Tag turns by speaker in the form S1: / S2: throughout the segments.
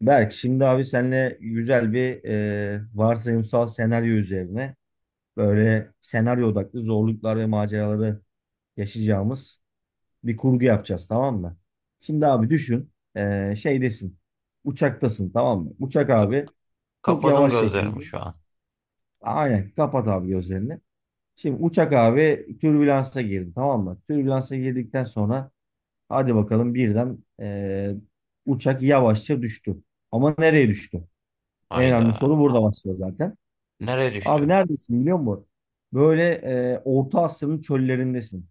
S1: Berk, şimdi abi seninle güzel bir varsayımsal senaryo üzerine böyle senaryo odaklı zorluklar ve maceraları yaşayacağımız bir kurgu yapacağız, tamam mı? Şimdi abi düşün, şeydesin, uçaktasın, tamam mı? Uçak
S2: Ka-
S1: abi çok
S2: Kapadım
S1: yavaş
S2: gözlerimi
S1: şekilde
S2: şu an.
S1: aynen kapat abi gözlerini. Şimdi uçak abi türbülansa girdi, tamam mı? Türbülansa girdikten sonra hadi bakalım birden uçak yavaşça düştü. Ama nereye düştü? En önemli
S2: Hayda.
S1: soru burada başlıyor zaten.
S2: Nereye
S1: Abi
S2: düştü?
S1: neredesin biliyor musun? Böyle, Orta Asya'nın çöllerindesin.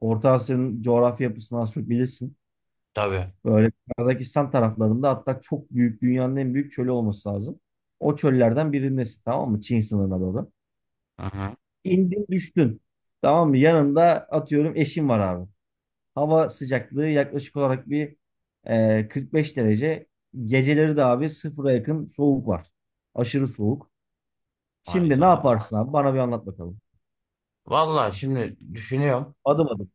S1: Orta Asya'nın coğrafya yapısını az çok bilirsin.
S2: Tabii.
S1: Böyle Kazakistan taraflarında, hatta çok büyük, dünyanın en büyük çölü olması lazım. O çöllerden birindesin, tamam mı? Çin sınırına doğru.
S2: Hı hı.
S1: İndin, düştün. Tamam mı? Yanında atıyorum eşin var abi. Hava sıcaklığı yaklaşık olarak bir, 45 derece. Geceleri de abi sıfıra yakın soğuk var. Aşırı soğuk. Şimdi ne
S2: Hayda.
S1: yaparsın abi? Bana bir anlat bakalım.
S2: Vallahi şimdi düşünüyorum.
S1: Adım adım.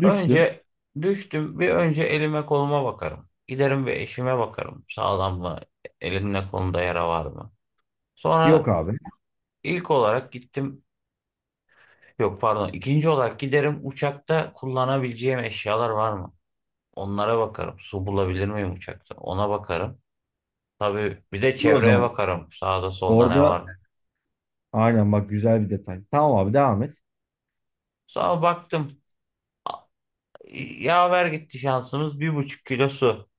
S1: Düştün.
S2: Önce düştüm. Bir önce elime koluma bakarım. Giderim bir eşime bakarım. Sağlam mı? Elimde kolumda yara var mı?
S1: Yok
S2: Sonra
S1: abi.
S2: ilk olarak gittim. Yok, pardon. İkinci olarak giderim uçakta kullanabileceğim eşyalar var mı? Onlara bakarım. Su bulabilir miyim uçakta? Ona bakarım. Tabii bir de
S1: Dur o
S2: çevreye
S1: zaman.
S2: bakarım. Sağda solda ne
S1: Orada
S2: var?
S1: aynen bak, güzel bir detay. Tamam abi, devam et.
S2: Sonra baktım. Yaver gitti şansımız. 1,5 kilo su,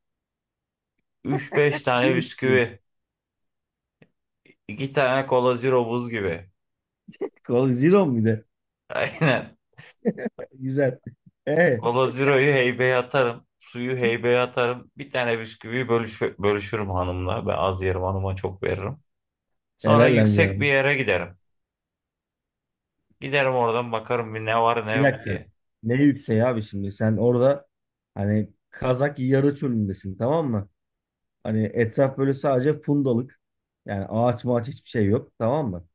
S2: üç beş
S1: Bir
S2: tane
S1: buçuk lira.
S2: bisküvi, 2 tane cola zero buz gibi.
S1: Kol zero mu bir de?
S2: Aynen.
S1: Güzel. E,
S2: Cola zero'yu heybeye atarım. Suyu heybeye atarım. Bir tane bisküviyi bölüşürüm hanımla. Ben az yerim, hanıma çok veririm. Sonra
S1: Helal lan bir
S2: yüksek bir
S1: adam.
S2: yere giderim. Giderim oradan bakarım bir ne var ne
S1: Bir
S2: yok
S1: dakika.
S2: diye.
S1: Ne yükseği abi şimdi? Sen orada hani Kazak yarı çölündesin, tamam mı? Hani etraf böyle sadece fundalık. Yani ağaç mağaç hiçbir şey yok, tamam mı?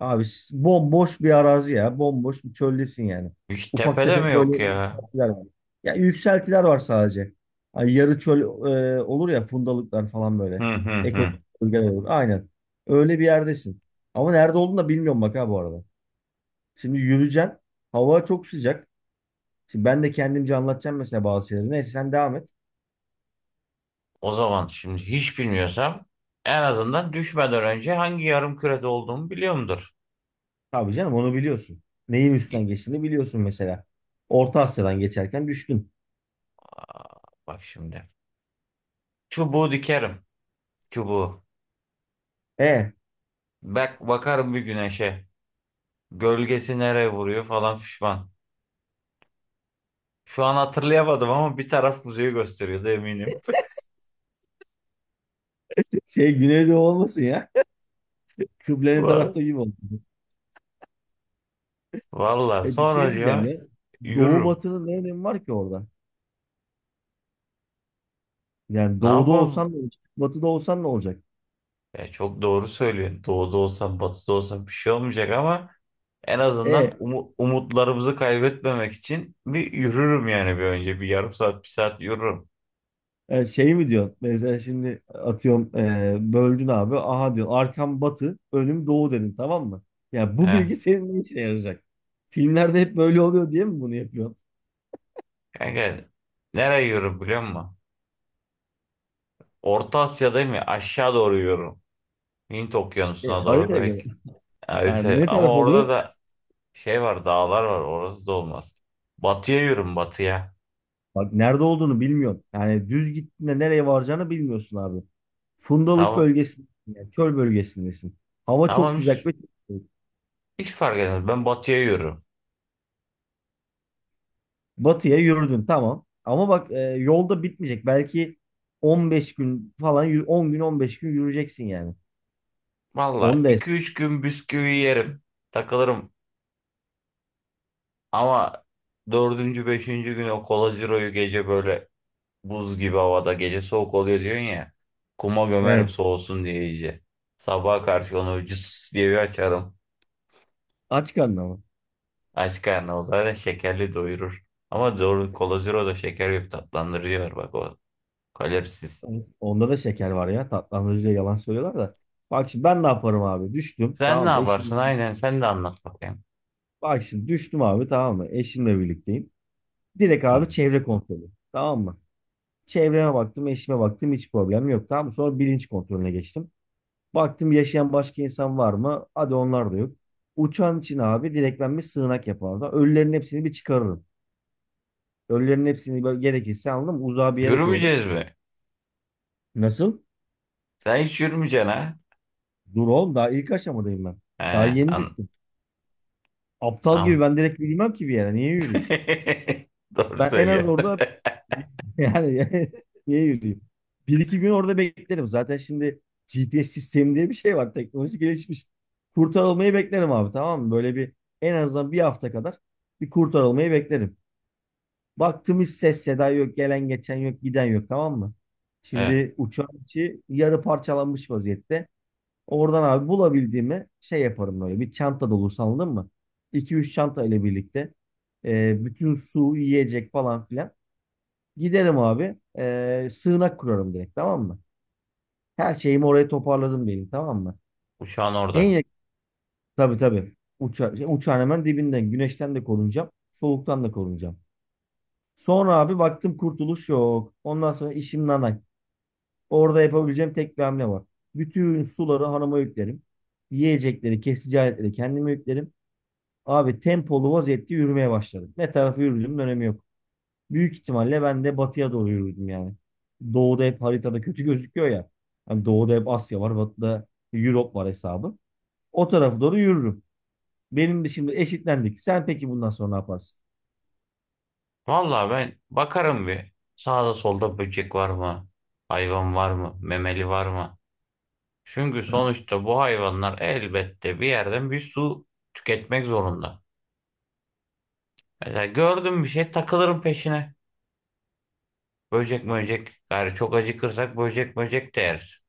S1: Abi s- bomboş bir arazi ya. Bomboş bir çöldesin yani.
S2: Hiç
S1: Ufak
S2: tepede mi
S1: tefek böyle
S2: yok ya?
S1: yükseltiler var. Ya yükseltiler var sadece. Hani yarı çöl olur ya, fundalıklar falan böyle.
S2: Hı hı hı.
S1: Ekolojik bölgeler olur. Aynen. Öyle bir yerdesin. Ama nerede olduğunu da bilmiyorum bak ha bu arada. Şimdi yürüyeceksin. Hava çok sıcak. Şimdi ben de kendimce anlatacağım mesela bazı şeyleri. Neyse sen devam et.
S2: O zaman şimdi hiç bilmiyorsam en azından düşmeden önce hangi yarım kürede olduğumu biliyorumdur.
S1: Tabii canım, onu biliyorsun. Neyin
S2: Git,
S1: üstünden geçtiğini biliyorsun mesela. Orta Asya'dan geçerken düştün.
S2: bak şimdi. Çubuğu dikerim. Çubuğu.
S1: E,
S2: Bak, bakarım bir güneşe. Gölgesi nereye vuruyor falan fişman. Şu an hatırlayamadım ama bir taraf kuzeyi gösteriyordu, eminim.
S1: şey, Güneydoğu olmasın ya. Kıbleli
S2: Va-
S1: tarafta gibi oldu.
S2: Valla
S1: E, bir şey diyeceğim
S2: sonracığıma
S1: ya. Doğu
S2: yürürüm.
S1: batının ne önemi var ki orada? Yani
S2: Ne
S1: doğuda
S2: yapalım?
S1: olsan ne olacak? Batıda olsan ne olacak?
S2: Ya çok doğru söylüyorsun. Doğuda olsam batıda olsam bir şey olmayacak ama en
S1: E,
S2: azından umutlarımızı kaybetmemek için bir yürürüm yani bir önce. Bir yarım saat bir saat yürürüm.
S1: Şey mi diyorsun? Mesela şimdi atıyorum, böldün abi. Aha diyorsun, arkam batı, önüm doğu dedin, tamam mı? Ya bu
S2: He.
S1: bilgi senin ne işine yarayacak? Filmlerde hep böyle oluyor diye mi bunu yapıyorsun?
S2: Kanka, nereye yürürüm biliyor musun? Orta Asya'dayım ya, aşağı doğru yürüyorum. Hint
S1: E,
S2: Okyanusu'na doğru
S1: haritaya göre.
S2: belki,
S1: Yani
S2: harita
S1: ne
S2: ama
S1: taraf
S2: orada
S1: oluyor?
S2: da şey var, dağlar var, orası da olmaz. Batıya yürüm batıya.
S1: Bak nerede olduğunu bilmiyorsun. Yani düz gittiğinde nereye varacağını bilmiyorsun abi. Fundalık
S2: Tamam
S1: bölgesindesin. Yani çöl bölgesindesin. Hava çok
S2: tamam,
S1: sıcak
S2: hiç,
S1: ve çok soğuk.
S2: hiç fark etmez, ben batıya yürürüm.
S1: Batıya yürüdün, tamam. Ama bak, yolda bitmeyecek. Belki 15 gün falan 10 gün 15 gün yürüyeceksin yani.
S2: Valla
S1: Onu da es-
S2: iki üç gün bisküvi yerim, takılırım ama dördüncü beşinci gün o kolaziroyu gece böyle buz gibi havada, gece soğuk oluyor diyorsun ya. Kuma gömerim
S1: Evet.
S2: soğusun diye iyice. Sabaha karşı onu cıs diye bir açarım.
S1: Aç karnına mı?
S2: Aç karnı o zaten, şekerli doyurur. Ama doğru, Cola Zero'da şeker yok, tatlandırıcı var, bak o kalorisiz.
S1: Onda da şeker var ya. Tatlandırıcıya yalan söylüyorlar da. Bak şimdi ben ne yaparım abi? Düştüm.
S2: Sen ne
S1: Tamam mı?
S2: yaparsın,
S1: Eşim.
S2: aynen sen de anlat bakayım.
S1: Bak şimdi düştüm abi, tamam mı? Eşimle birlikteyim. Direkt
S2: Hı.
S1: abi çevre kontrolü. Tamam mı? Çevreme baktım, eşime baktım, hiç problem yok. Tamam mı? Sonra bilinç kontrolüne geçtim. Baktım yaşayan başka insan var mı? Hadi onlar da yok. Uçan için abi direkt ben bir sığınak yapardım. Ölülerin hepsini bir çıkarırım. Ölülerin hepsini böyle gerekirse aldım, uzağa bir yere koyarım.
S2: Yürümeyeceğiz mi?
S1: Nasıl?
S2: Sen hiç yürümeyeceksin ha?
S1: Dur oğlum, daha ilk aşamadayım ben.
S2: He,
S1: Daha yeni düştüm. Aptal gibi
S2: tamam.
S1: ben direkt yürümem ki bir yere. Niye yürüyeyim?
S2: Doğru
S1: Ben en az
S2: söylüyorsun.
S1: orada bir- yani niye yürüyeyim? 1 2 gün orada beklerim. Zaten şimdi GPS sistemi diye bir şey var. Teknoloji gelişmiş. Kurtarılmayı beklerim abi, tamam mı? Böyle bir en azından 1 hafta kadar bir kurtarılmayı beklerim. Baktım hiç ses seda yok. Gelen geçen yok. Giden yok, tamam mı?
S2: Evet,
S1: Şimdi uçağın içi yarı parçalanmış vaziyette. Oradan abi bulabildiğimi şey yaparım böyle. Bir çanta dolusu, anladın mı? 2-3 çanta ile birlikte. Bütün su, yiyecek falan filan. Giderim abi. Sığınak kurarım direkt, tamam mı? Her şeyimi oraya toparladım benim, tamam mı?
S2: uçağın
S1: En
S2: orada.
S1: yakın, tabii tabii. Uçağın hemen dibinden. Güneşten de korunacağım. Soğuktan da korunacağım. Sonra abi baktım kurtuluş yok. Ondan sonra işim nanay. Orada yapabileceğim tek bir hamle var. Bütün suları hanıma yüklerim. Yiyecekleri, kesici aletleri kendime yüklerim. Abi tempolu vaziyette yürümeye başladım. Ne tarafa yürüdüğümün önemi yok. Büyük ihtimalle ben de batıya doğru yürürdüm yani. Doğuda hep haritada kötü gözüküyor ya. Hani doğuda hep Asya var, batıda Europe var hesabı. O tarafa doğru yürürüm. Benim de şimdi eşitlendik. Sen peki bundan sonra ne yaparsın?
S2: Vallahi ben bakarım bir. Sağda solda böcek var mı? Hayvan var mı? Memeli var mı? Çünkü sonuçta bu hayvanlar elbette bir yerden bir su tüketmek zorunda. Mesela gördüm bir şey, takılırım peşine. Böcek böcek. Gayrı çok acıkırsak böcek böcek de yeriz.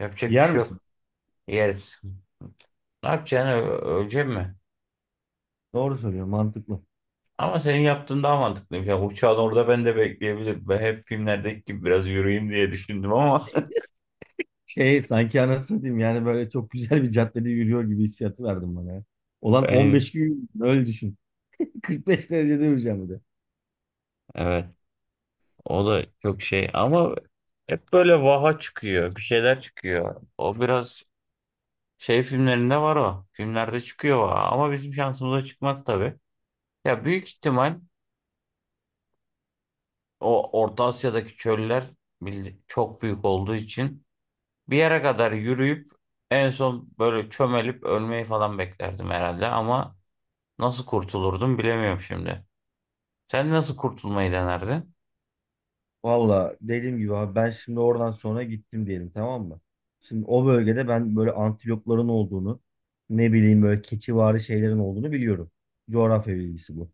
S2: Yapacak bir
S1: Yer
S2: şey
S1: misin?
S2: yok. Yeriz. Ne yapacaksın? Ölecek mi?
S1: Doğru söylüyorum, mantıklı.
S2: Ama senin yaptığın daha mantıklı. Yani uçağın orada ben de bekleyebilirim. Ben hep filmlerdeki gibi biraz yürüyeyim diye düşündüm ama.
S1: Şey sanki, anasını diyeyim, yani böyle çok güzel bir caddede yürüyor gibi hissiyatı verdim bana ya. Olan
S2: Aynen.
S1: 15 gün öyle düşün. 45 derecede yürüyeceğim bir de.
S2: Evet. O da çok şey ama hep böyle vaha çıkıyor. Bir şeyler çıkıyor. O biraz şey filmlerinde var o. Filmlerde çıkıyor vaha. Ama bizim şansımıza çıkmaz tabii. Ya büyük ihtimal o Orta Asya'daki çöller çok büyük olduğu için bir yere kadar yürüyüp en son böyle çömelip ölmeyi falan beklerdim herhalde ama nasıl kurtulurdum bilemiyorum şimdi. Sen nasıl kurtulmayı denerdin?
S1: Valla dediğim gibi abi, ben şimdi oradan sonra gittim diyelim, tamam mı? Şimdi o bölgede ben böyle antilopların olduğunu, ne bileyim, böyle keçivari şeylerin olduğunu biliyorum. Coğrafya bilgisi bu.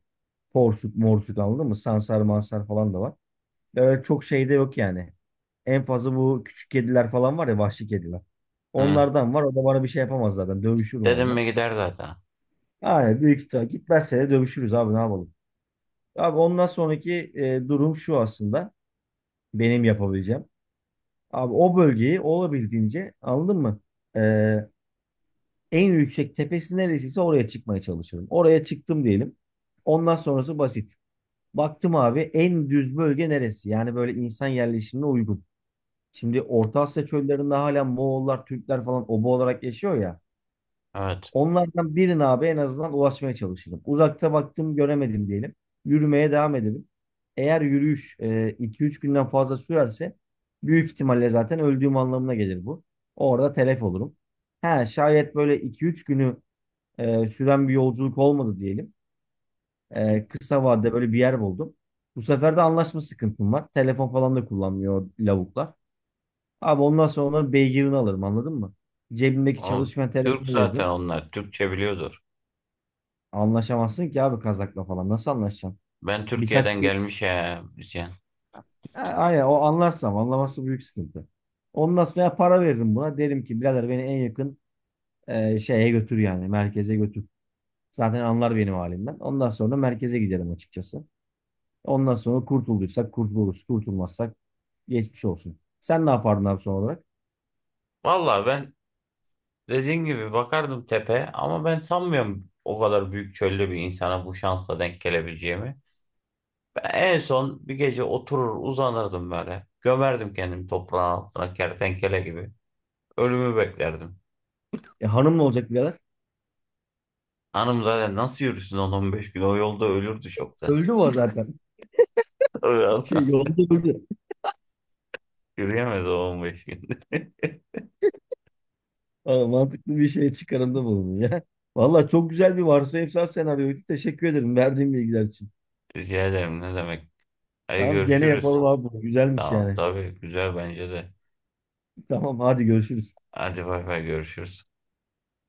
S1: Porsuk morsuk, anladın mı? Sansar mansar falan da var. Böyle çok şey de yok yani. En fazla bu küçük kediler falan var ya, vahşi kediler.
S2: Hı.
S1: Onlardan var, o da bana bir şey yapamaz zaten, dövüşürüm
S2: Dedim
S1: onunla.
S2: mi gider zaten.
S1: Yani büyük ihtimal gitmezse de dövüşürüz abi, ne yapalım. Abi ondan sonraki durum şu aslında, benim yapabileceğim. Abi o bölgeyi olabildiğince, anladın mı? Ee, En yüksek tepesi neresiyse oraya çıkmaya çalışıyorum. Oraya çıktım diyelim. Ondan sonrası basit. Baktım abi, en düz bölge neresi? Yani böyle insan yerleşimine uygun. Şimdi Orta Asya çöllerinde hala Moğollar, Türkler falan oba olarak yaşıyor ya.
S2: Evet.
S1: Onlardan birine abi en azından ulaşmaya çalışırım. Uzakta baktım göremedim diyelim. Yürümeye devam edelim. Eğer yürüyüş 2-3 günden fazla sürerse büyük ihtimalle zaten öldüğüm anlamına gelir bu. Orada telef olurum. Ha, şayet böyle 2-3 günü süren bir yolculuk olmadı diyelim. E, kısa vadede böyle bir yer buldum. Bu sefer de anlaşma sıkıntım var. Telefon falan da kullanmıyor lavuklar. Abi ondan sonra onların beygirini alırım, anladın mı? Cebimdeki
S2: O,
S1: çalışmayan
S2: Türk
S1: telefonu
S2: zaten
S1: veririm.
S2: onlar. Türkçe biliyordur.
S1: Anlaşamazsın ki abi Kazak'la falan. Nasıl anlaşacaksın?
S2: Ben
S1: Birkaç
S2: Türkiye'den
S1: kez...
S2: gelmiş ya diyeceksin.
S1: Ha, aynen, o anlarsam, anlaması büyük sıkıntı. Ondan sonra ya para veririm buna. Derim ki birader, beni en yakın şeye götür yani. Merkeze götür. Zaten anlar benim halimden. Ondan sonra merkeze giderim açıkçası. Ondan sonra kurtulduysak kurtuluruz. Kurtulmazsak geçmiş olsun. Sen ne yapardın abi son olarak?
S2: Valla ben dediğin gibi bakardım tepe ama ben sanmıyorum o kadar büyük çölde bir insana bu şansla denk gelebileceğimi. Ben en son bir gece oturur uzanırdım böyle. Gömerdim kendimi toprağın altına kertenkele gibi. Ölümü beklerdim.
S1: E, hanımla olacak birader.
S2: Hanım zaten nasıl yürüsün 10-15 gün? O yolda ölürdü şokta.
S1: Öldü mü o zaten?
S2: Öyle
S1: Şey,
S2: adam.
S1: yolda öldü.
S2: Yürüyemez o 15 gün.
S1: Aa, mantıklı bir şey çıkarımda bulundun ya. Valla çok güzel bir varsayımsal senaryoydu. Teşekkür ederim verdiğin bilgiler için.
S2: Rica ederim, ne demek. Hadi
S1: Tamam, gene
S2: görüşürüz.
S1: yapalım abi bunu. Güzelmiş
S2: Tamam,
S1: yani.
S2: tabii, güzel bence de.
S1: Tamam, hadi görüşürüz.
S2: Hadi bay bay, görüşürüz.